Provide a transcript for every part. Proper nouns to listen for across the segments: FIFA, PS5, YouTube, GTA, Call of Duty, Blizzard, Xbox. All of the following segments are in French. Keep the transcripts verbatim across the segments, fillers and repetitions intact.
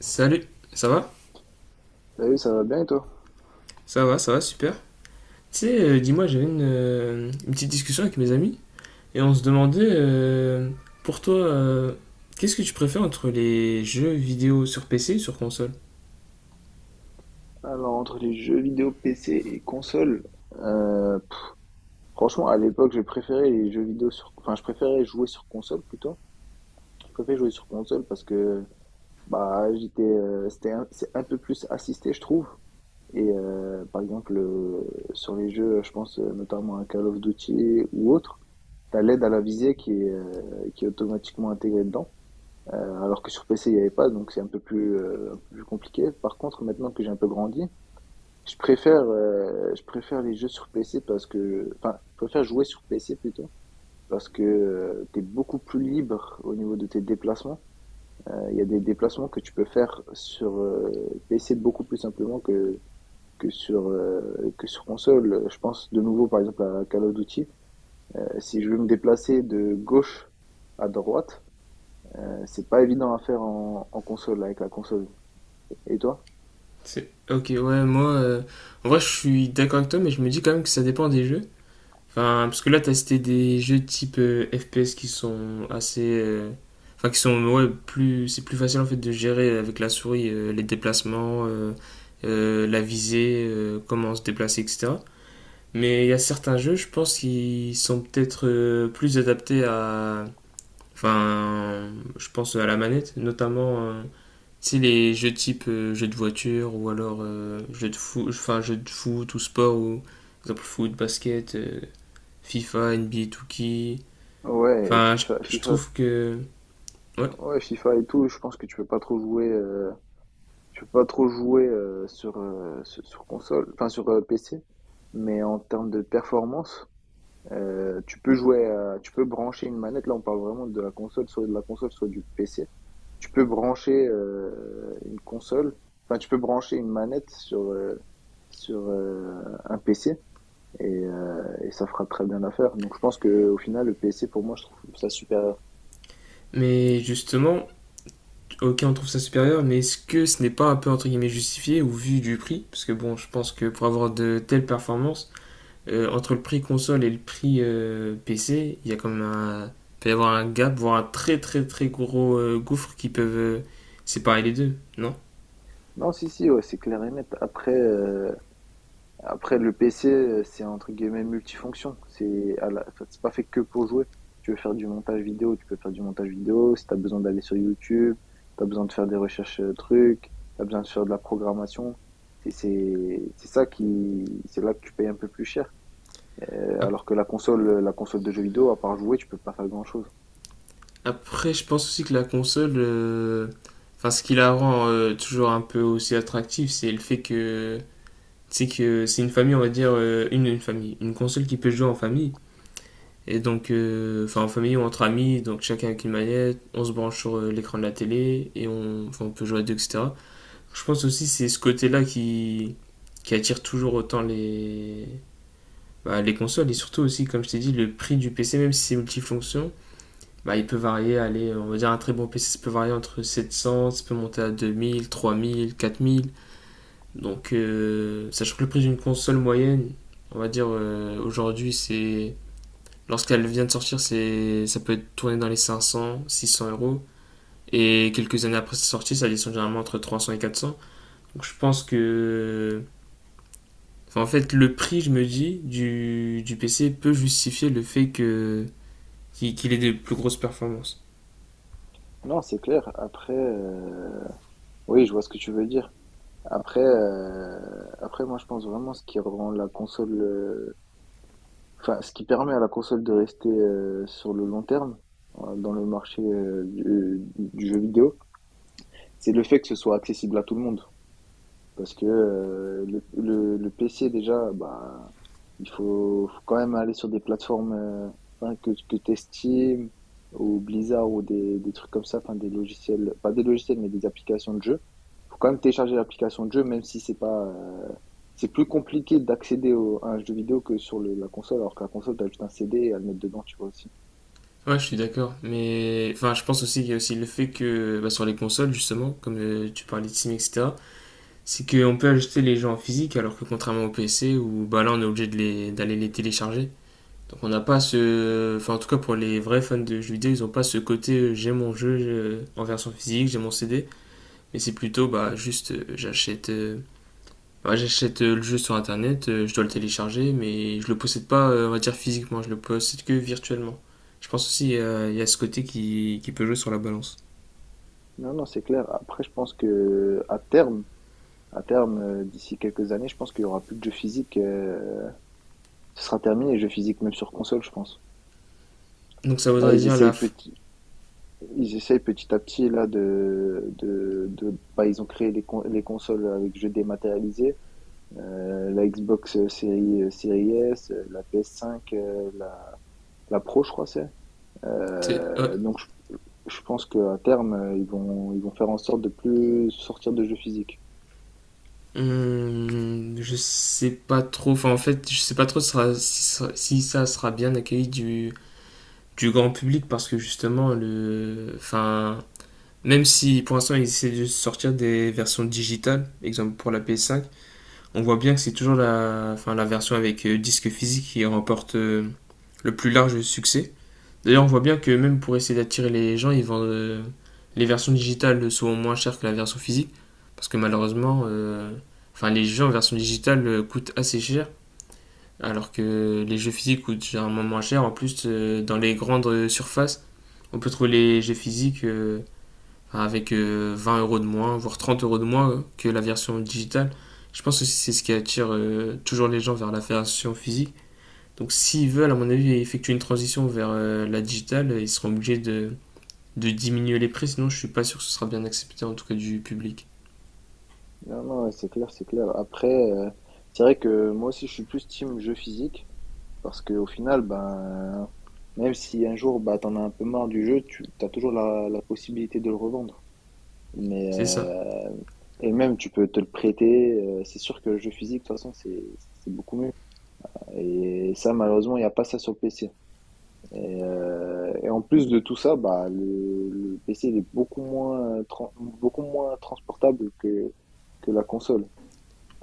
Salut, ça va? Salut, ça va bien et toi? Ça va, ça va, super. Tu sais, euh, dis-moi, j'avais une, euh, une petite discussion avec mes amis et on se demandait, euh, pour toi, euh, qu'est-ce que tu préfères entre les jeux vidéo sur P C et sur console? Alors, entre les jeux vidéo P C et console, euh, pff, franchement, à l'époque, je préférais les jeux vidéo sur, enfin, je préférais jouer sur console plutôt. Je préférais jouer sur console parce que, bah, j'étais, euh, c'était un- c'est un peu plus assisté, je trouve. Et euh, par exemple, euh, sur les jeux, je pense euh, notamment à Call of Duty ou autre, t'as l'aide à la visée qui est, euh, qui est automatiquement intégrée dedans. Euh, alors que sur P C, il n'y avait pas, donc c'est un peu plus, euh, un peu plus compliqué. Par contre, maintenant que j'ai un peu grandi, Je préfère, heu, je préfère les jeux sur P C parce que enfin, je préfère jouer sur P C plutôt, parce que, heu, tu es beaucoup plus libre au niveau de tes déplacements. Heu, il y a des déplacements que tu peux faire sur, heu, P C beaucoup plus simplement que que sur, heu, que sur console. Je pense de nouveau par exemple à Call of Duty. Heu, si je veux me déplacer de gauche à droite, heu, c'est pas évident à faire en en console, avec la console. Et toi? C'est- Ok, ouais, moi, euh, en vrai, je suis d'accord avec toi, mais je me dis quand même que ça dépend des jeux. Enfin, parce que là, t'as cité des jeux type euh, F P S qui sont assez... euh, Enfin, qui sont... Ouais, plus. C'est plus facile en fait de gérer avec la souris euh, les déplacements, euh, euh, la visée, euh, comment se déplacer, et cætera. Mais il y a certains jeux, je pense, qui sont peut-être euh, plus adaptés à... Enfin, je pense à la manette, notamment. Euh, tu sais, les jeux type euh, jeux de voiture ou alors euh, jeux de foot, enfin, jeux de foot ou sport ou... Par exemple, foot, basket. euh, FIFA, N B A deux K. Ouais, Enfin, je, FIFA je FIFA trouve que... Ouais. ouais, FIFA et tout, je pense que tu peux pas trop jouer, heu Je peux pas trop jouer euh, sur, euh, sur sur console, enfin sur euh, P C, mais en termes de performance, euh, tu peux jouer, à- tu peux brancher une manette. Là, on parle vraiment de la console, soit de la console, soit du P C. Tu peux brancher euh, une console, enfin tu peux brancher une manette sur euh, sur euh, un P C et, euh, et ça fera très bien l'affaire. Donc je pense que au final, le P C pour moi, je trouve ça supérieur. Mais justement, ok, on trouve ça supérieur, mais est-ce que ce n'est pas un peu entre guillemets justifié au vu du prix? Parce que bon, je pense que pour avoir de telles performances, euh, entre le prix console et le prix euh, P C, il y a quand même un... Il peut y avoir un gap, voire un très très très gros euh, gouffre qui peuvent euh, séparer les deux, non? Non, si si, ouais, c'est clair et net. Après. euh, Après, le P C, euh, c'est entre guillemets multifonction. C'est à la- enfin, c'est pas fait que pour jouer. Tu veux faire du montage vidéo, tu peux faire du montage vidéo. Si tu as besoin d'aller sur YouTube, tu as besoin de faire des recherches euh, trucs, tu as besoin de faire de la programmation. C'est c'est- c'est ça qui, c'est là que tu payes un peu plus cher. Euh, alors que la console, la console de jeux vidéo, à part jouer, tu peux pas faire grand-chose. Après, je pense aussi que la console... euh, Enfin, ce qui la rend euh, toujours un peu aussi attractive, c'est le fait que c'est que c'est une famille, on va dire, euh, une, une famille, une console qui peut jouer en famille. Et donc, euh, enfin, en famille ou entre amis, donc chacun avec une manette, on se branche sur euh, l'écran de la télé et on, enfin, on peut jouer à deux, et cætera. Je pense aussi que c'est ce côté-là qui, qui attire toujours autant les, bah, les consoles et surtout aussi, comme je t'ai dit, le prix du P C, même si c'est multifonction, bah, il peut varier, allez, on va dire un très bon P C, ça peut varier entre sept cents, ça peut monter à deux mille, trois mille, quatre mille. Donc, euh, sachant que le prix d'une console moyenne, on va dire euh, aujourd'hui, c'est lorsqu'elle vient de sortir, c'est ça peut être tourné dans les cinq cents, six cents euros. Et quelques années après sa sortie, ça descend généralement entre trois cents et quatre cents. Donc je pense que, enfin, en fait, le prix, je me dis, du, du P C peut justifier le fait que qu'il ait des plus grosses performances. Non, c'est clair. Après, euh, oui, je vois ce que tu veux dire. Après, euh, après, moi, je pense vraiment ce qui rend la console, euh, enfin, ce qui permet à la console de rester euh, sur le long terme euh, dans le marché euh, du, du jeu vidéo, c'est le fait que ce soit accessible à tout le monde. Parce que euh, le, le, le P C, déjà, bah, il faut, faut quand même aller sur des plateformes euh, enfin, que, que tu estimes, ou Blizzard, ou des, des trucs comme ça, enfin, des logiciels, pas des logiciels, mais des applications de jeu. Faut quand même télécharger l'application de jeu, même si c'est pas, euh, c'est plus compliqué d'accéder au- à un jeu vidéo que sur le- la console, alors que la console, t'as juste un C D et à le mettre dedans, tu vois aussi. Ouais, je suis d'accord. Mais enfin, je pense aussi qu'il y a aussi le fait que bah, sur les consoles, justement, comme euh, tu parlais de Steam, et cætera, c'est qu'on peut acheter les jeux en physique alors que contrairement au P C où bah là on est obligé de les- d'aller les, télécharger. Donc on n'a pas ce... Enfin, en tout cas pour les vrais fans de jeux vidéo, ils n'ont pas ce côté euh, j'ai mon jeu euh, en version physique, j'ai mon C D, mais c'est plutôt bah juste euh, j'achète euh, bah, j'achète euh, le jeu sur internet, euh, je dois le télécharger mais je le possède pas euh, on va dire physiquement, je le possède que virtuellement. Je pense aussi euh, il euh, y a ce côté qui, qui peut jouer sur la balance. Non, non, c'est clair. Après, je pense que à terme, à terme, euh, d'ici quelques années, je pense qu'il y aura plus de jeux physiques. Euh, ce sera terminé les jeux physiques, même sur console, je pense. Donc ça Là, voudrait ils dire essayent la... f- petit, ils essayent petit à petit là de, de, de- bah, ils ont créé les, con- les consoles avec jeux dématérialisés. euh, la Xbox euh, série, euh, série S, euh, la P S cinq, la, la Pro, je crois, c'est. c'est- ouais, Euh, donc, je, je pense qu'à terme, euh, ils vont, ils vont faire en sorte de plus sortir de jeux physiques. Hum, je sais pas trop. Enfin, en fait, je sais pas trop sera- si, ça- si ça sera bien accueilli du, du grand public parce que justement, le, enfin, même si pour l'instant ils essaient de sortir des versions digitales, exemple pour la ps cinq, on voit bien que c'est toujours la, enfin, la version avec euh, disque physique qui remporte euh, le plus large succès. D'ailleurs, on voit bien que même pour essayer d'attirer les gens, ils vendent euh, les versions digitales souvent moins chères que la version physique. Parce que malheureusement, euh, enfin, les jeux en version digitale euh, coûtent assez cher. Alors que les jeux physiques coûtent généralement moins cher. En plus, euh, dans les grandes euh, surfaces, on peut trouver les jeux physiques euh, enfin, avec euh, vingt euros de moins, voire trente euros de moins euh, que la version digitale. Je pense que c'est ce qui attire euh, toujours les gens vers la version physique. Donc s'ils veulent, à mon avis, effectuer une transition vers euh, la digitale, ils seront obligés de, de diminuer les prix, sinon je suis pas sûr que ce sera bien accepté, en tout cas du public. Non, non, ouais, c'est clair, c'est clair. Après, euh, c'est vrai que moi aussi, je suis plus team jeu physique parce qu'au final, ben, même si un jour, bah, t'en as un peu marre du jeu, tu as toujours la, la possibilité de le revendre. Mais C'est ça. euh, et même tu peux te le prêter. Euh, c'est sûr que le jeu physique, de toute façon, c'est c'est beaucoup mieux. Et ça, malheureusement, il n'y a pas ça sur le P C. Et, euh, et en plus de tout ça, bah le, le P C il est beaucoup moins tran- beaucoup moins transportable que que la console.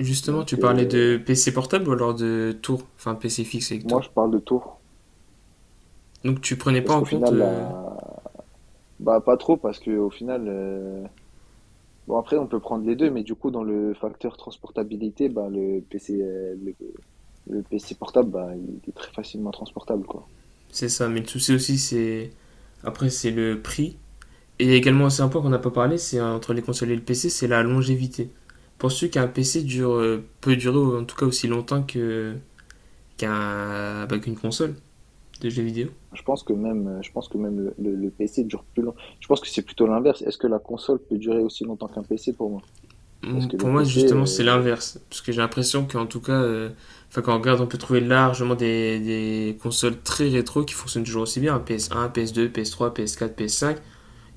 Justement, tu Donc parlais euh, de P C portable ou alors de tour, enfin P C fixe avec moi, tour. je parle de tours Donc tu prenais pas parce en qu'au compte, final, euh, la... bah pas trop parce que au final. euh, Bon, après, on peut prendre les deux, mais du coup, dans le facteur transportabilité, bah, le P C, euh, le, le P C portable, bah, il est très facilement transportable, quoi. c'est ça. Mais le souci aussi, c'est après c'est le prix. Et il y a également aussi un point qu'on n'a pas parlé, c'est euh, entre les consoles et le P C, c'est la longévité. Penses-tu qu'un P C dure, euh, peut durer en tout cas aussi longtemps que qu'un bah, qu'une console de jeux vidéo? Je pense que même, euh, je pense que même le, le- le P C dure plus longtemps. Je pense que c'est plutôt l'inverse. Est-ce que la console peut durer aussi longtemps qu'un P C pour moi? Parce Pour que moi, le PC, justement, c'est euh, l'inverse. Parce que j'ai l'impression qu'en tout cas, euh, enfin, quand on regarde, on peut trouver largement des, des consoles très rétro qui fonctionnent toujours aussi bien. P S un, P S deux, P S trois, P S quatre, ps cinq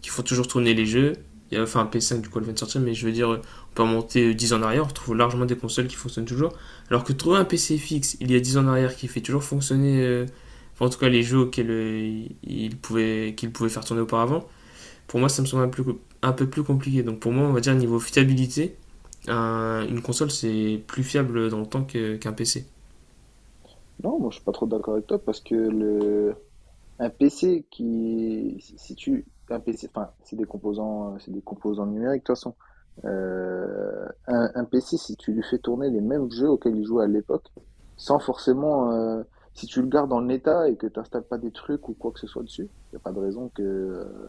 qui font toujours tourner les jeux. Et, euh, enfin, ps cinq du coup, elle vient de sortir, mais je veux dire, euh, on peut remonter euh, dix ans en arrière, on retrouve largement des consoles qui fonctionnent toujours. Alors que trouver un P C fixe il y a dix ans en arrière qui fait toujours fonctionner, euh, enfin, en tout cas, les jeux auxquels euh, il pouvait, qu'il pouvait faire tourner auparavant, pour moi, ça me semble un, plus- un peu plus compliqué. Donc, pour moi, on va dire, niveau fiabilité, un- une console, c'est plus fiable dans le temps que- qu'un P C. Non, moi, je suis pas trop d'accord avec toi, parce que le, Un P C qui, si si tu, un P C, enfin, c'est des composants, euh, c'est des composants numériques de toute façon. Euh, un, un P C, si tu lui fais tourner les mêmes jeux auxquels il jouait à l'époque, sans forcément, euh, si tu le gardes en état et que tu n'installes pas des trucs ou quoi que ce soit dessus, il n'y a pas de raison que,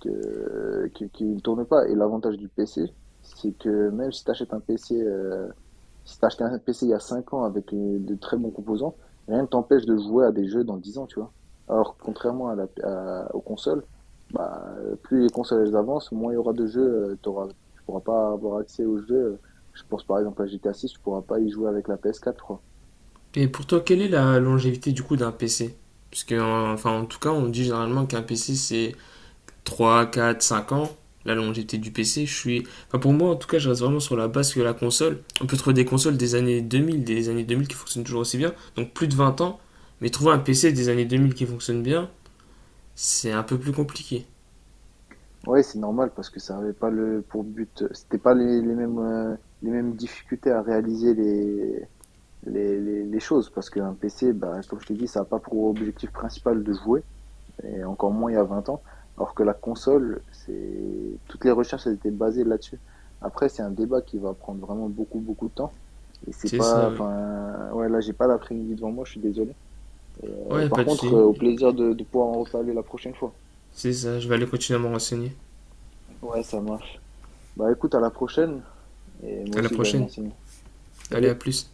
que, que- qu'il ne tourne pas. Et l'avantage du P C, c'est que même si tu achètes un P C, euh, si t'as acheté un P C il y a cinq ans avec euh, de très bons composants, rien ne t'empêche de jouer à des jeux dans dix ans, tu vois. Alors, contrairement à la, à- aux consoles, bah, plus les consoles elles avancent, moins il y aura de jeux, euh, t'auras, tu pourras pas avoir accès aux jeux. Je pense par exemple à G T A six, tu pourras pas y jouer avec la P S quatre, je crois. Et pour toi, quelle est la longévité du coup d'un P C? Parce que, euh, enfin, en tout cas, on dit généralement qu'un P C, c'est trois quatre cinq ans. La longévité du P C, je suis... Enfin, pour moi, en tout cas, je reste vraiment sur la base que la console. On peut trouver des consoles des années deux mille des années deux mille qui fonctionnent toujours aussi bien, donc plus de vingt ans. Mais trouver un P C des années deux mille qui fonctionne bien, c'est un peu plus compliqué. Ouais, c'est normal parce que ça avait pas le pour but, c'était pas les, les mêmes euh, les mêmes difficultés à réaliser les les, les, les choses parce qu'un P C, bah, comme je t'ai dit, ça n'a pas pour objectif principal de jouer. Et encore moins il y a vingt ans. Alors que la console, c'est toutes les recherches elles étaient basées là-dessus. Après, c'est un débat qui va prendre vraiment beaucoup, beaucoup de temps. Et c'est C'est pas, ça, oui. enfin, ouais, là, j'ai pas l'après-midi devant moi, je suis désolé. Et, euh, Ouais, par pas de contre, euh, souci. au plaisir de, de pouvoir en reparler la prochaine fois. C'est ça, je vais aller continuer à me renseigner. Ouais, ça marche. Bah écoute, à la prochaine. Et moi À la aussi, je vais aller prochaine. m'enseigner. Allez, Salut. à plus.